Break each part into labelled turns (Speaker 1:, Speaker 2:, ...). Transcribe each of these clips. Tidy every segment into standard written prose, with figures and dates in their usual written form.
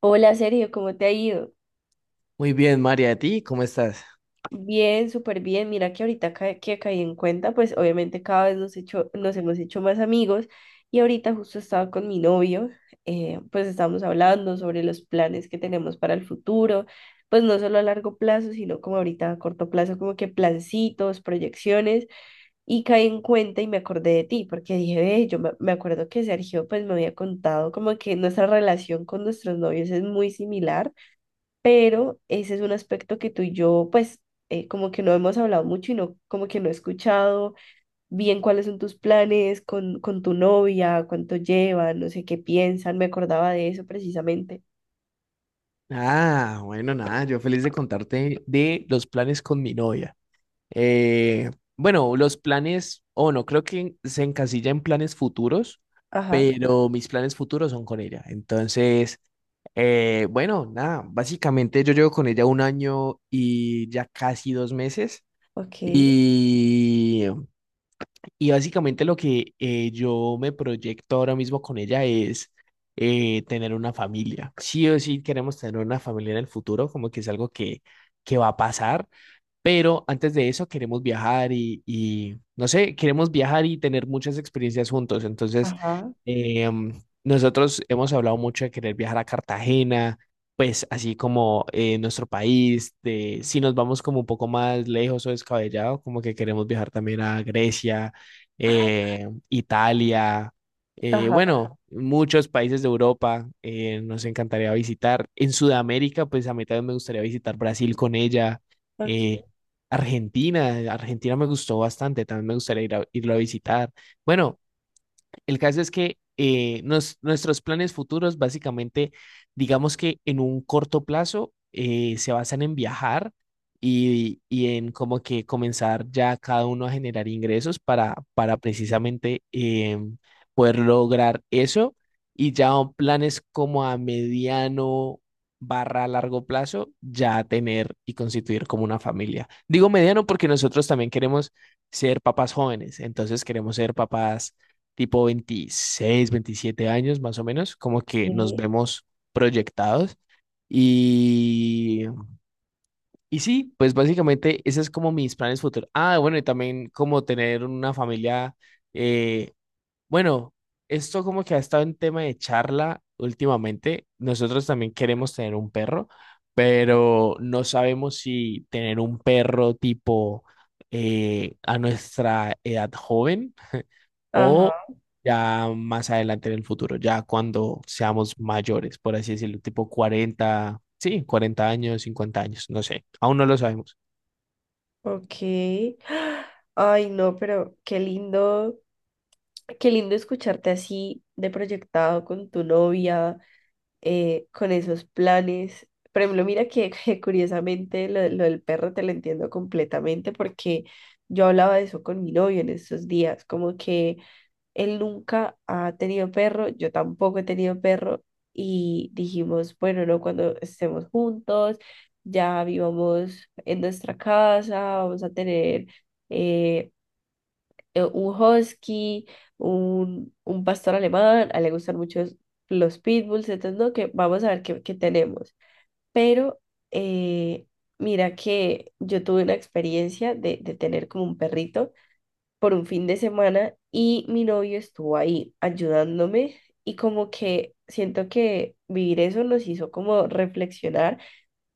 Speaker 1: Hola Sergio, ¿cómo te ha ido?
Speaker 2: Muy bien, María, ¿a ti cómo estás?
Speaker 1: Bien, súper bien. Mira que que caí en cuenta, pues obviamente cada vez nos hemos hecho más amigos y ahorita justo estaba con mi novio, pues estábamos hablando sobre los planes que tenemos para el futuro, pues no solo a largo plazo, sino como ahorita a corto plazo, como que plancitos, proyecciones. Y caí en cuenta y me acordé de ti, porque dije, ve, me acuerdo que Sergio pues me había contado como que nuestra relación con nuestros novios es muy similar. Pero ese es un aspecto que tú y yo, pues, como que no hemos hablado mucho y no, como que no he escuchado bien cuáles son tus planes con tu novia, cuánto llevan, no sé qué piensan, me acordaba de eso precisamente.
Speaker 2: Ah, bueno, nada, yo feliz de contarte de los planes con mi novia. Eh, bueno, los planes, o no, creo que se encasilla en planes futuros,
Speaker 1: Ajá,
Speaker 2: pero mis planes futuros son con ella. Entonces, bueno, nada, básicamente yo llevo con ella un año y ya casi 2 meses.
Speaker 1: ok,
Speaker 2: Y Y básicamente lo que yo me proyecto ahora mismo con ella es tener una familia. Sí o sí queremos tener una familia en el futuro, como que es algo que va a pasar. Pero antes de eso queremos viajar no sé, queremos viajar y tener muchas experiencias juntos. Entonces,
Speaker 1: ajá,
Speaker 2: em, nosotros hemos hablado mucho de querer viajar a Cartagena, pues así como nuestro país, de, si nos vamos como un poco más lejos o descabellado, como que queremos viajar también a Grecia, Italia,
Speaker 1: ajá,
Speaker 2: bueno, muchos países de Europa nos encantaría visitar. En Sudamérica, pues a mí también me gustaría visitar Brasil con ella, eh,
Speaker 1: ok,
Speaker 2: Argentina, Argentina me gustó bastante, también me gustaría ir irlo a visitar. Bueno, el caso es que nuestros planes futuros, básicamente, digamos que en un corto plazo, se basan en viajar y en como que comenzar ya cada uno a generar ingresos para precisamente, em, poder lograr eso. Y ya planes como a mediano barra largo plazo, ya tener y constituir como una familia. Digo mediano porque nosotros también queremos ser papás jóvenes, entonces queremos ser papás tipo 26, 27 años más o menos, como que nos
Speaker 1: ok,
Speaker 2: vemos proyectados. Y, y sí, pues básicamente ese es como mis planes futuros. Ah, bueno, y también como tener una familia, eh, bueno, esto como que ha estado en tema de charla últimamente. Nosotros también queremos tener un perro, pero no sabemos si tener un perro tipo, a nuestra edad joven, o
Speaker 1: ajá,
Speaker 2: ya más adelante en el futuro, ya cuando seamos mayores, por así decirlo, tipo 40, sí, 40 años, 50 años, no sé, aún no lo sabemos.
Speaker 1: ok. Ay, no, pero qué lindo escucharte así de proyectado con tu novia con esos planes. Por ejemplo, mira que, que curiosamente lo del perro te lo entiendo completamente porque yo hablaba de eso con mi novio en estos días, como que él nunca ha tenido perro, yo tampoco he tenido perro y dijimos, bueno, no, cuando estemos juntos, ya vivamos en nuestra casa, vamos a tener eh, un husky, un pastor alemán, a él le gustan mucho los pitbulls, entonces no, que vamos a ver qué, qué tenemos. Pero eh, mira que yo tuve una experiencia de tener como un perrito por un fin de semana y mi novio estuvo ahí ayudándome y como que siento que vivir eso nos hizo como reflexionar,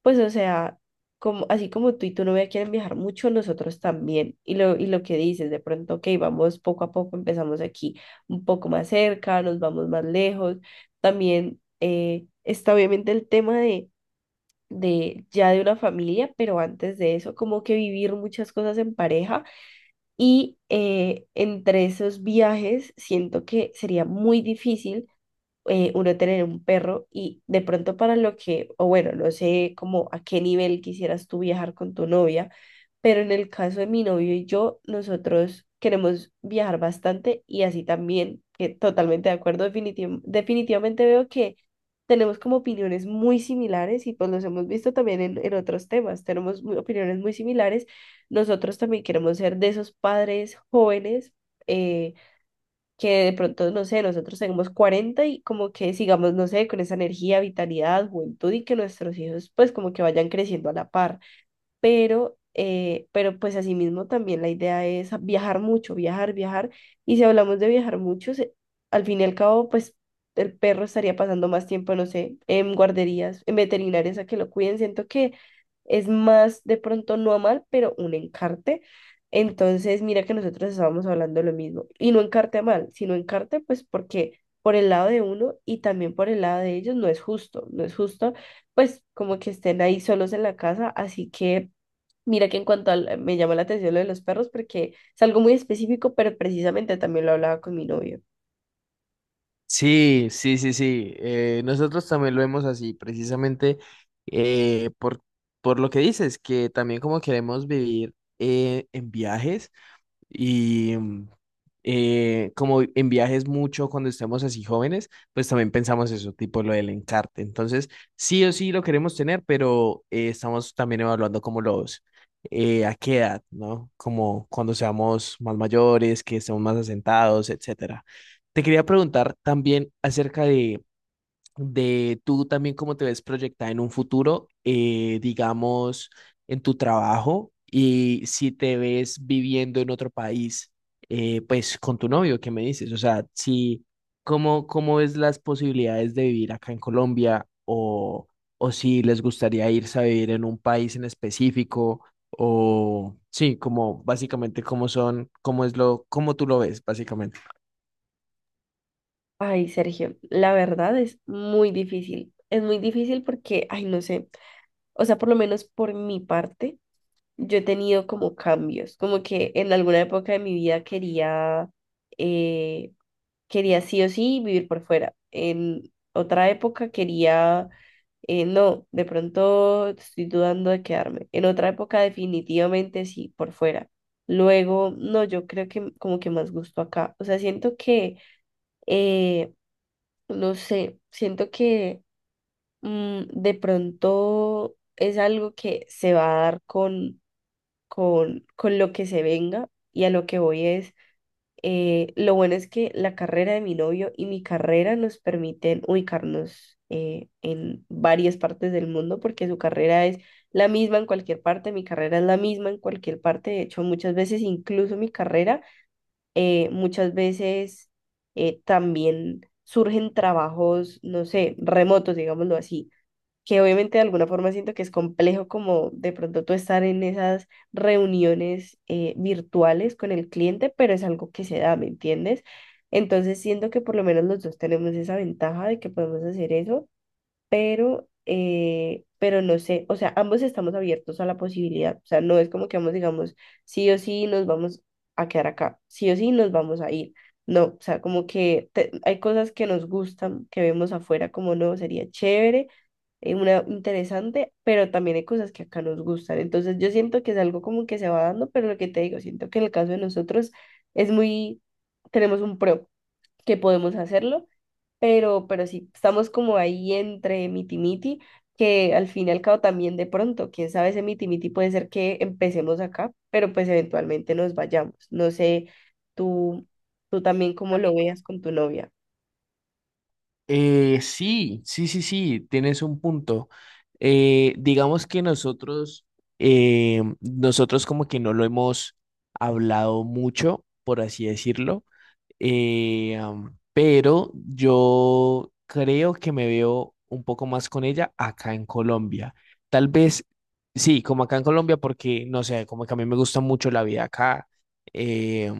Speaker 1: pues o sea, como, así como tú y tu novia quieren viajar mucho, nosotros también. Y lo que dices, de pronto, ok, vamos poco a poco, empezamos aquí un poco más cerca, nos vamos más lejos. También está obviamente el tema de ya de una familia, pero antes de eso, como que vivir muchas cosas en pareja. Y entre esos viajes, siento que sería muy difícil uno tener un perro y de pronto para lo que, o bueno, no sé como a qué nivel quisieras tú viajar con tu novia, pero en el caso de mi novio y yo, nosotros queremos viajar bastante y así también, que totalmente de acuerdo, definitivamente veo que tenemos como opiniones muy similares y pues los hemos visto también en otros temas, tenemos opiniones muy similares, nosotros también queremos ser de esos padres jóvenes. eh, que de pronto, no sé, nosotros tenemos 40 y como que sigamos, no sé, con esa energía, vitalidad, juventud y que nuestros hijos pues como que vayan creciendo a la par, pero pues asimismo también la idea es viajar mucho, viajar, viajar, y si hablamos de viajar mucho, al fin y al cabo, pues el perro estaría pasando más tiempo, no sé, en guarderías, en veterinarias a que lo cuiden, siento que es más de pronto no a mal, pero un encarte. Entonces, mira que nosotros estábamos hablando lo mismo, y no encarte a mal, sino encarte pues porque por el lado de uno y también por el lado de ellos no es justo, no es justo, pues como que estén ahí solos en la casa, así que mira que en cuanto al, me llamó la atención lo de los perros porque es algo muy específico, pero precisamente también lo hablaba con mi novio.
Speaker 2: Sí, sí, sí, sí. Nosotros también lo vemos así, precisamente, eh, por, por lo que dices, que también como queremos vivir en viajes. Y como en viajes mucho cuando estemos así jóvenes, pues también pensamos eso, tipo lo del encarte. Entonces, sí o sí lo queremos tener, pero estamos también evaluando como los, a qué edad, ¿no? Como cuando seamos más mayores, que estemos más asentados, etcétera. Te quería preguntar también acerca de tú también cómo te ves proyectada en un futuro, digamos, en tu trabajo y si te ves viviendo en otro país, pues con tu novio, ¿qué me dices? O sea, si, ¿cómo ves las posibilidades de vivir acá en Colombia, o si les gustaría irse a vivir en un país en específico? O sí, como básicamente cómo son, cómo es lo, cómo tú lo ves, básicamente.
Speaker 1: Ay, Sergio, la verdad es muy difícil. Es muy difícil porque, ay, no sé, o sea, por lo menos por mi parte, yo he tenido como cambios, como que en alguna época de mi vida quería, eh, quería sí o sí vivir por fuera. En otra época quería, no, de pronto estoy dudando de quedarme. En otra época definitivamente sí, por fuera. Luego, no, yo creo que como que más gusto acá. O sea, siento que, eh, no sé, siento que de pronto es algo que se va a dar con, con lo que se venga, y a lo que voy es lo bueno es que la carrera de mi novio y mi carrera nos permiten ubicarnos en varias partes del mundo porque su carrera es la misma en cualquier parte, mi carrera es la misma en cualquier parte. De hecho, muchas veces, incluso mi carrera, muchas veces también surgen trabajos, no sé, remotos, digámoslo así, que obviamente de alguna forma siento que es complejo como de pronto tú estar en esas reuniones virtuales con el cliente, pero es algo que se da, ¿me entiendes? Entonces siento que por lo menos los dos tenemos esa ventaja de que podemos hacer eso, pero no sé, o sea, ambos estamos abiertos a la posibilidad, o sea, no es como que ambos digamos, sí o sí nos vamos a quedar acá, sí o sí nos vamos a ir, no, o sea, como que hay cosas que nos gustan, que vemos afuera como no, sería chévere, una interesante, pero también hay cosas que acá nos gustan, entonces yo siento que es algo como que se va dando, pero lo que te digo, siento que en el caso de nosotros es muy, tenemos un pro, que podemos hacerlo, pero sí, estamos como ahí entre miti-miti, que al fin y al cabo también de pronto, quién sabe, ese miti-miti puede ser que empecemos acá, pero pues eventualmente nos vayamos. No sé, tú, tú también cómo lo veas con tu novia.
Speaker 2: Sí, sí, sí, sí, tienes un punto. Digamos que nosotros como que no lo hemos hablado mucho, por así decirlo. Pero yo creo que me veo un poco más con ella acá en Colombia. Tal vez, sí, como acá en Colombia, porque no sé, como que a mí me gusta mucho la vida acá. eh,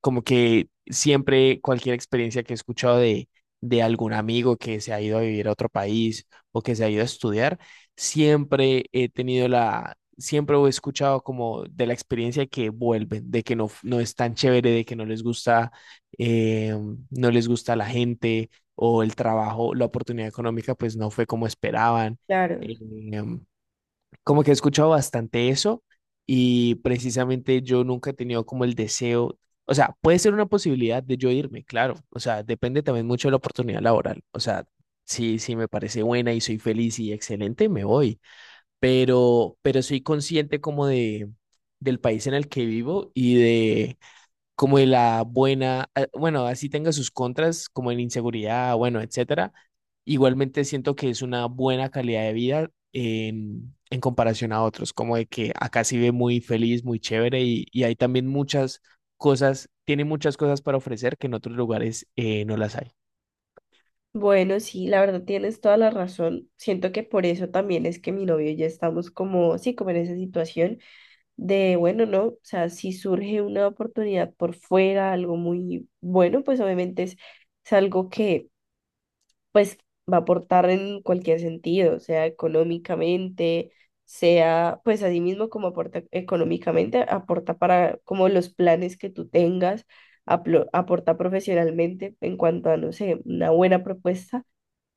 Speaker 2: Como que siempre cualquier experiencia que he escuchado de algún amigo que se ha ido a vivir a otro país o que se ha ido a estudiar, siempre he tenido siempre he escuchado como de la experiencia que vuelven, de que no, no es tan chévere, de que no les gusta, eh, no les gusta la gente o el trabajo, la oportunidad económica pues no fue como esperaban.
Speaker 1: Claro.
Speaker 2: Eh, Como que he escuchado bastante eso y precisamente yo nunca he tenido como el deseo, o sea, puede ser una posibilidad de yo irme, claro, o sea, depende también mucho de la oportunidad laboral, o sea, si, si me parece buena y soy feliz y excelente, me voy, pero soy consciente como de, del país en el que vivo y de como de la buena, bueno, así tenga sus contras, como en inseguridad, bueno, etcétera. Igualmente siento que es una buena calidad de vida en comparación a otros, como de que acá se vive muy feliz, muy chévere y hay también muchas cosas, tiene muchas cosas para ofrecer que en otros lugares no las hay.
Speaker 1: Bueno, sí, la verdad tienes toda la razón. Siento que por eso también es que mi novio y yo estamos como, sí, como en esa situación de, bueno, no, o sea, si surge una oportunidad por fuera, algo muy bueno, pues obviamente es algo que pues va a aportar en cualquier sentido, sea económicamente, sea, pues así mismo como aporta económicamente, aporta para como los planes que tú tengas, aporta profesionalmente en cuanto a, no sé, una buena propuesta,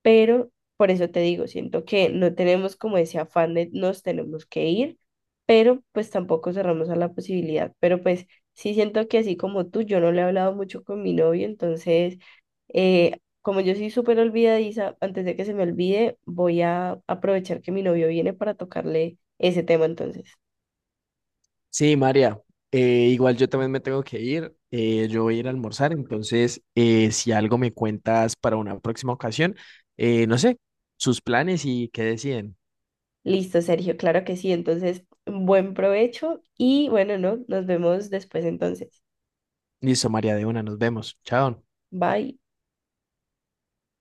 Speaker 1: pero por eso te digo, siento que no tenemos como ese afán de nos tenemos que ir, pero pues tampoco cerramos a la posibilidad, pero pues sí siento que así como tú, yo no le he hablado mucho con mi novio, entonces, como yo soy súper olvidadiza, antes de que se me olvide, voy a aprovechar que mi novio viene para tocarle ese tema entonces.
Speaker 2: Sí, María, igual yo también me tengo que ir, yo voy a ir a almorzar, entonces, si algo me cuentas para una próxima ocasión, no sé, sus planes y qué deciden.
Speaker 1: Listo, Sergio, claro que sí, entonces, buen provecho y bueno, no, nos vemos después entonces.
Speaker 2: Listo, María de una, nos vemos. Chao.
Speaker 1: Bye.